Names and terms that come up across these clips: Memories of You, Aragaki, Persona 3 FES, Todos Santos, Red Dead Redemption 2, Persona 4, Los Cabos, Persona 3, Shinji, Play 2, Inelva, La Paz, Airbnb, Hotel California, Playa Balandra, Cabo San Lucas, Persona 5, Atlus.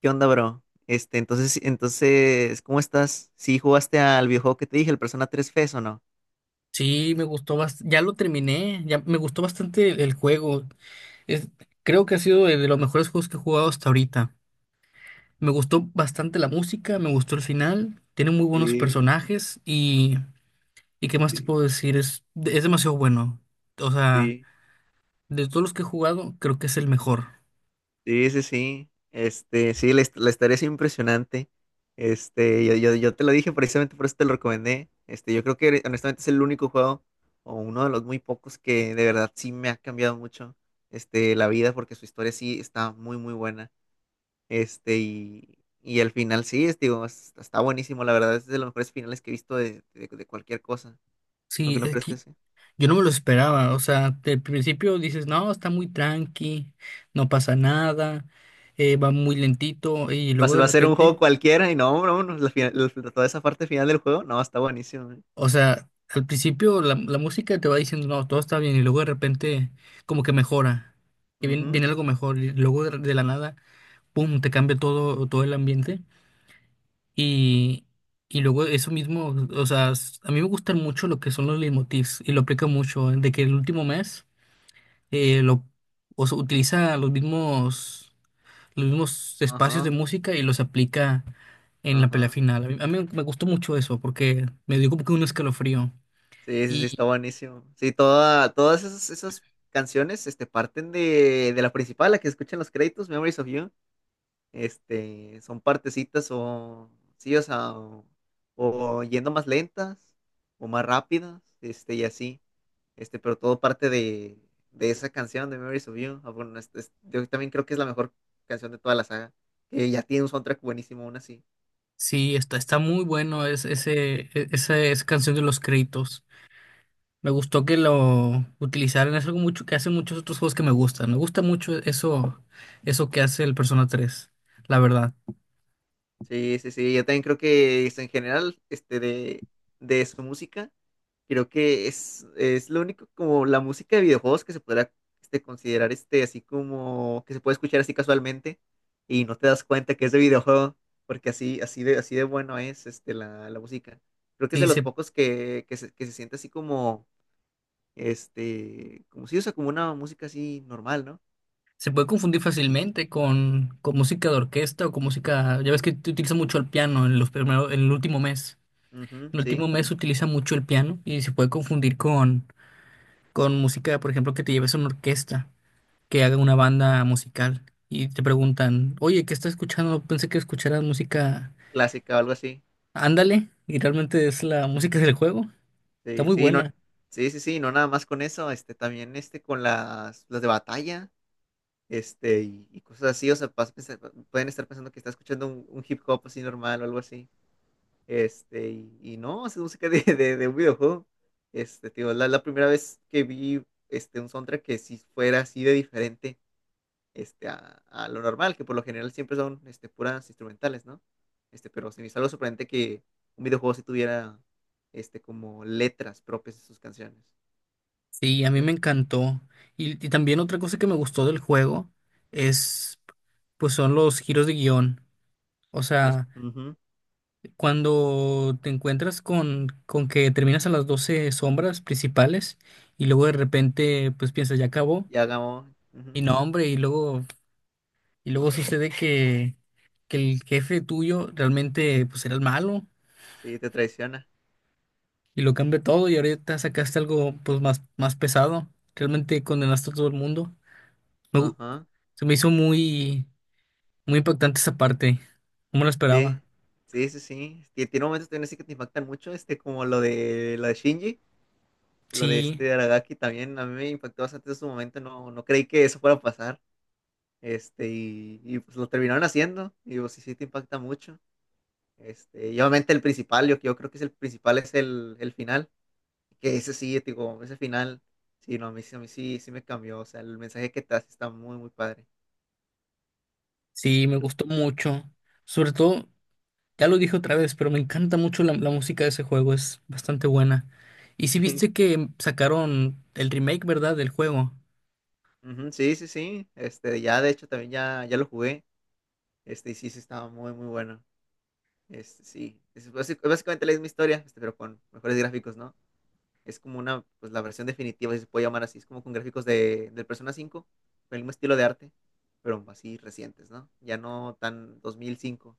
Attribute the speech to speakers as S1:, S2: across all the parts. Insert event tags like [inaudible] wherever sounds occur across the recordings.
S1: ¿Qué onda, bro? ¿Cómo estás? ¿Sí jugaste al videojuego que te dije, el Persona 3 FES o no?
S2: Sí, me gustó bastante. Ya lo terminé. Ya me gustó bastante el juego. Es, creo que ha sido de los mejores juegos que he jugado hasta ahorita. Me gustó bastante la música, me gustó el final. Tiene muy buenos
S1: Sí,
S2: personajes y ¿qué más te
S1: sí,
S2: puedo decir? Es demasiado bueno. O sea,
S1: sí.
S2: de todos los que he jugado, creo que es el mejor.
S1: Sí, sí, sí. Sí, la historia es impresionante. Yo te lo dije, precisamente por eso te lo recomendé. Yo creo que, honestamente, es el único juego, o uno de los muy pocos, que de verdad sí me ha cambiado mucho, la vida, porque su historia sí está muy, muy buena. Y el final sí, está buenísimo, la verdad, es de los mejores finales que he visto de, de cualquier cosa. No, que
S2: Sí,
S1: no
S2: es
S1: crees que
S2: que
S1: sea.
S2: yo no me lo esperaba. O sea, de principio dices, no, está muy tranqui, no pasa nada, va muy lentito y
S1: Va a
S2: luego
S1: ser
S2: de
S1: va a ser un juego
S2: repente.
S1: cualquiera, y no, no, no, toda esa parte final del juego, no, está buenísimo.
S2: O sea, al principio la música te va diciendo, no, todo está bien, y luego de repente como que mejora, y viene,
S1: Ujú.
S2: viene algo mejor, y luego de la nada, pum, te cambia todo, todo el ambiente, y, y luego eso mismo, o sea, a mí me gustan mucho lo que son los leitmotivs, y lo aplico mucho, ¿eh? De que el último mes, eh, lo, o sea, utiliza los mismos espacios de
S1: Ajá,
S2: música y los aplica en la pelea
S1: ajá.
S2: final. A mí me gustó mucho eso, porque me dio como que un escalofrío.
S1: Sí, sí, sí, está buenísimo. Sí, todas esas, esas canciones, parten de la principal, la que escuchan los créditos, Memories of You. Son partecitas o sí, o yendo más lentas o más rápidas, y así, pero todo parte de esa canción de Memories of You. Ah, bueno, yo también creo que es la mejor canción de toda la saga, que ya tiene un soundtrack buenísimo aún así.
S2: Sí, está, está muy bueno es, ese, esa, esa canción de los créditos. Me gustó que lo utilizaran. Es algo mucho que hacen muchos otros juegos que me gustan. Me gusta mucho eso, eso que hace el Persona 3, la verdad.
S1: Sí, sí, sí, yo también creo que es en general, de su música. Creo que es lo único como la música de videojuegos que se podrá, considerar, así como que se puede escuchar así casualmente y no te das cuenta que es de videojuego, porque así, así de bueno es la, la música. Creo que es
S2: Sí,
S1: de los
S2: se,
S1: pocos que, que se siente así como, como si usa como una música así normal, ¿no?
S2: se puede confundir fácilmente con música de orquesta o con música. Ya ves que te utiliza mucho el piano en los primeros, en el último mes.
S1: Ujú,
S2: En el último
S1: sí,
S2: mes se utiliza mucho el piano y se puede confundir con música, por ejemplo, que te lleves a una orquesta, que haga una banda musical y te preguntan, oye, ¿qué estás escuchando? Pensé que escucharas música,
S1: clásica o algo así.
S2: ándale, y realmente es la música del juego, está
S1: Sí,
S2: muy
S1: sí, no,
S2: buena.
S1: sí, sí, sí, no nada más con eso, también con las de batalla. Y cosas así, o sea, pueden estar pensando que está escuchando un hip hop así normal o algo así, y no, es música de, [laughs] de un videojuego. Tío, la primera vez que vi, un soundtrack que si fuera así de diferente, a lo normal, que por lo general siempre son, puras instrumentales, ¿no? Pero se me hizo algo sorprendente que un videojuego sí tuviera, como letras propias de sus canciones,
S2: Sí, a
S1: ¿no
S2: mí
S1: crees?
S2: me encantó. Y también otra cosa que me gustó del juego es, pues son los giros de guión. O
S1: Los,
S2: sea,
S1: ujú,
S2: cuando te encuentras con que terminas a las 12 sombras principales y luego de repente, pues piensas, ya acabó.
S1: y hagamos, ujú,
S2: Y no, hombre, y luego y luego sucede que el jefe tuyo realmente pues era el malo
S1: sí, te traiciona,
S2: y lo cambia todo y ahorita sacaste algo pues más, más pesado. Realmente condenaste a todo el mundo. Me gu-
S1: ajá.
S2: Se me hizo muy, muy impactante esa parte. No me lo esperaba.
S1: Sí, sí, sí, sí. Tiene momentos también así que te impactan mucho, como lo de Shinji, lo de
S2: Sí,
S1: Aragaki también. A mí me impactó bastante en su momento, no, no creí que eso fuera a pasar. Pues lo terminaron haciendo, y pues sí, sí te impacta mucho. Y obviamente el principal, yo creo que es el principal, es el final, que ese sí, te digo, ese final, sí, no, a mí, a mí sí, sí me cambió, o sea, el mensaje que te hace está muy, muy padre,
S2: sí, me
S1: ¿no?
S2: gustó mucho. Sobre todo, ya lo dije otra vez, pero me encanta mucho la música de ese juego, es bastante buena. Y sí
S1: Sí.
S2: viste que sacaron el remake, ¿verdad? Del juego.
S1: Ujú, sí, sí, sí. Ya de hecho también ya, ya lo jugué. Y sí, sí, estaba muy, muy bueno. Sí, es básicamente la misma historia, pero con mejores gráficos, ¿no? Es como una, pues la versión definitiva, si se puede llamar así. Es como con gráficos de, del Persona 5, con el mismo estilo de arte, pero así recientes, ¿no? Ya no tan 2005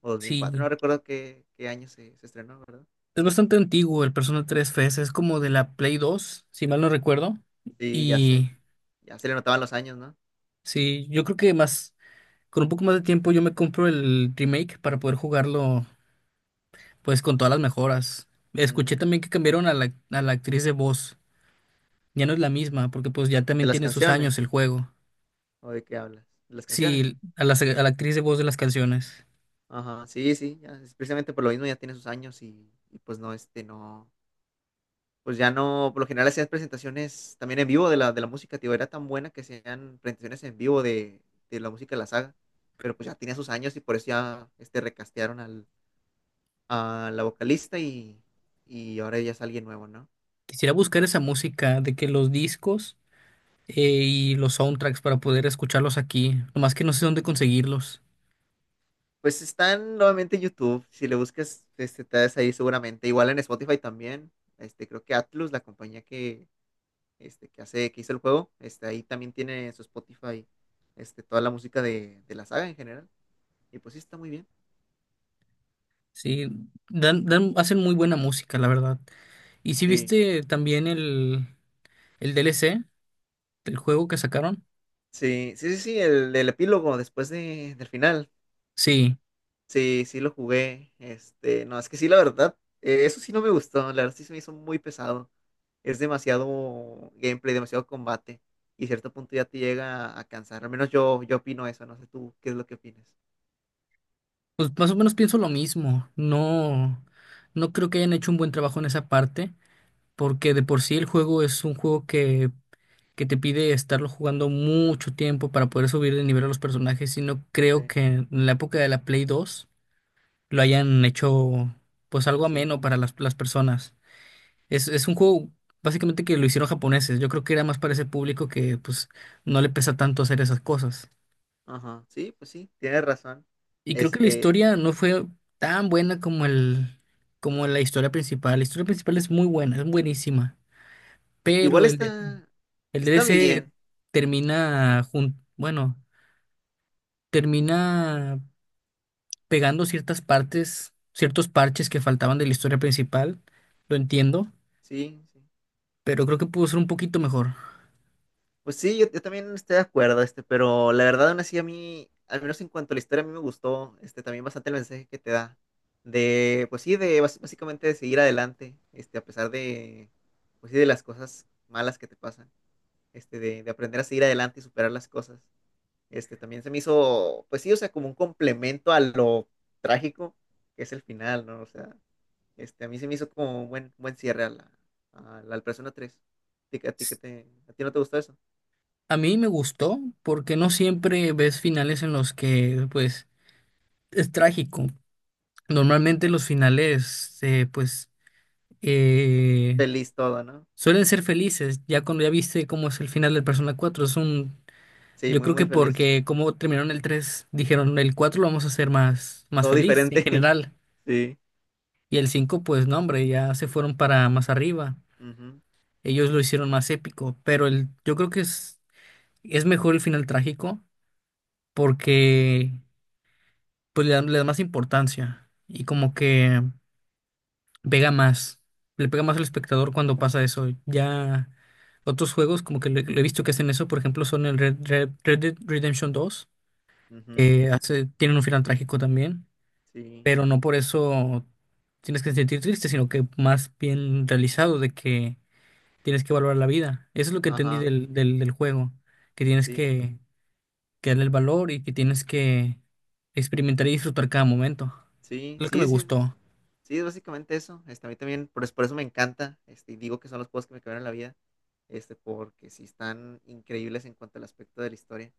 S1: o 2004,
S2: Sí.
S1: no recuerdo qué, qué año se, se estrenó, ¿verdad?
S2: Es bastante antiguo el Persona 3 FS, es como de la Play 2, si mal no recuerdo.
S1: Sí, ya se,
S2: Y
S1: ya se le notaban los años, ¿no?
S2: sí, yo creo que más, con un poco más de tiempo yo me compro el remake para poder jugarlo pues con todas las mejoras. Escuché
S1: Ujú.
S2: también que cambiaron a la actriz de voz, ya no es la misma, porque pues ya
S1: ¿De
S2: también
S1: las
S2: tiene sus años
S1: canciones,
S2: el juego.
S1: o de qué hablas? De las canciones.
S2: Sí, a la actriz de voz de las canciones.
S1: Ajá, sí, sí, ya, es precisamente por lo mismo, ya tiene sus años y pues no, no. Pues ya no, por lo general hacías presentaciones también en vivo de la música. Tío, era tan buena que hacían presentaciones en vivo de la música de la saga, pero pues ya tenía sus años, y por eso ya, recastearon a la vocalista, y ahora ya es alguien nuevo, ¿no?
S2: Quisiera buscar esa música de que los discos y los soundtracks para poder escucharlos aquí, nomás que no sé dónde conseguirlos.
S1: Pues están nuevamente en YouTube, si le buscas, te das ahí seguramente, igual en Spotify también. Creo que Atlus, la compañía que, que hizo el juego, ahí también tiene en su Spotify, toda la música de la saga en general, y pues sí, está muy bien,
S2: Sí, dan, dan, hacen muy buena música, la verdad. ¿Y si
S1: sí.
S2: viste también el DLC del juego que sacaron?
S1: Sí, sí, sí, sí, el epílogo después de, del final.
S2: Sí,
S1: Sí, sí lo jugué. No, es que sí, la verdad, eso sí no me gustó. La verdad sí se me hizo muy pesado. Es demasiado gameplay, demasiado combate. Y a cierto punto ya te llega a cansar. Al menos yo, yo opino eso. No sé tú qué es lo que opinas.
S2: pues más o menos pienso lo mismo. No, no creo que hayan hecho un buen trabajo en esa parte, porque de por sí el juego es un juego que te pide estarlo jugando mucho tiempo para poder subir de nivel a los personajes, y no creo
S1: Sí,
S2: que en la época de la Play 2 lo hayan hecho pues algo
S1: así.
S2: ameno para las personas. Es un juego básicamente que lo hicieron japoneses. Yo creo que era más para ese público que pues no le pesa tanto hacer esas cosas.
S1: Ajá. Sí, pues sí, tienes razón.
S2: Y creo que la
S1: Este,
S2: historia no fue tan buena como el, como la historia principal. La historia principal es muy buena, es buenísima.
S1: sí, igual
S2: Pero el,
S1: está,
S2: el
S1: está
S2: DLC
S1: bien.
S2: bueno, termina pegando ciertas partes, ciertos parches que faltaban de la historia principal. Lo entiendo,
S1: Sí, sí.
S2: pero creo que pudo ser un poquito mejor.
S1: Pues sí, yo también estoy de acuerdo, pero la verdad, aún así, a mí, al menos en cuanto a la historia, a mí me gustó, también bastante el mensaje que te da, de, pues sí, de básicamente de seguir adelante, a pesar de, pues sí, de las cosas malas que te pasan, de aprender a seguir adelante y superar las cosas. También se me hizo, pues sí, o sea, como un complemento a lo trágico que es el final, ¿no? O sea, a mí se me hizo como un buen, buen cierre a la, al Persona tres. ¿A ti, a ti, a ti no te gustó eso?
S2: A mí me gustó porque no siempre ves finales en los que, pues, es trágico. Normalmente los finales, pues, eh,
S1: Feliz todo, ¿no?
S2: suelen ser felices. Ya cuando ya viste cómo es el final del Persona cuatro es un...
S1: Sí,
S2: Yo
S1: muy,
S2: creo
S1: muy
S2: que
S1: feliz.
S2: porque como terminaron el 3 dijeron el 4 lo vamos a hacer más, más
S1: Todo
S2: feliz en
S1: diferente.
S2: general.
S1: [laughs] Sí.
S2: Y el cinco pues, no, hombre, ya se fueron para más arriba.
S1: Ujú,
S2: Ellos lo hicieron más épico. Pero el, yo creo que es mejor el final trágico porque... pues le da más importancia y como que pega más, le pega
S1: ujú,
S2: más al espectador cuando pasa eso. Ya otros juegos como que le he visto que hacen eso, por ejemplo, son el Red Dead Redemption dos
S1: ujú.
S2: que hace, tienen un final trágico también,
S1: Sí.
S2: pero no por eso tienes que sentir triste, sino que más bien realizado de que tienes que valorar la vida. Eso es lo que entendí
S1: Ajá.
S2: del juego, que tienes
S1: Sí.
S2: que darle el valor y que tienes que experimentar y disfrutar cada momento.
S1: Sí,
S2: Lo que me
S1: sí, sí.
S2: gustó.
S1: Sí, es básicamente eso. A mí también, por eso me encanta. Y digo que son los juegos que me cambiaron la vida. Porque sí están increíbles en cuanto al aspecto de la historia.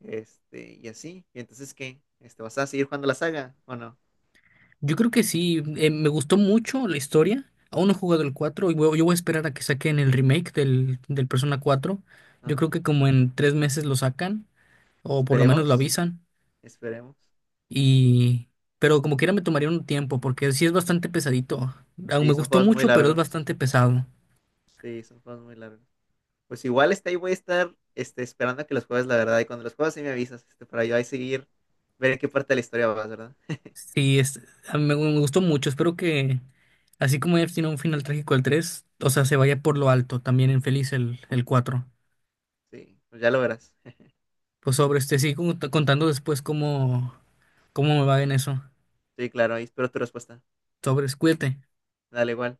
S1: Y así. ¿Y entonces qué? ¿Vas a seguir jugando la saga o no?
S2: Yo creo que sí, me gustó mucho la historia. Aún no he jugado el 4 y yo voy a esperar a que saquen el remake del Persona cuatro. Yo creo
S1: Ajá.
S2: que como en 3 meses lo sacan, o por lo menos lo
S1: Esperemos.
S2: avisan.
S1: Esperemos.
S2: Y... pero como quiera me tomaría un tiempo, porque sí es bastante pesadito. Aún me
S1: Sí, son
S2: gustó
S1: juegos muy
S2: mucho, pero es
S1: largos.
S2: bastante pesado.
S1: Sí, son juegos muy largos. Pues igual, ahí voy a estar, esperando a que los juegues, la verdad. Y cuando los juegues, sí me avisas, para yo ahí seguir, ver en qué parte de la historia vas, ¿verdad? [laughs]
S2: Sí, es... a mí me, me gustó mucho. Espero que, así como ya tiene un final trágico el tres, o sea, se vaya por lo alto, también en feliz el cuatro.
S1: Sí, pues ya lo verás. [laughs]
S2: Pues sobre este, sigo contando después cómo... ¿cómo me va en eso?
S1: Sí, claro, ahí espero tu respuesta.
S2: Sobres, cuídate.
S1: Dale igual.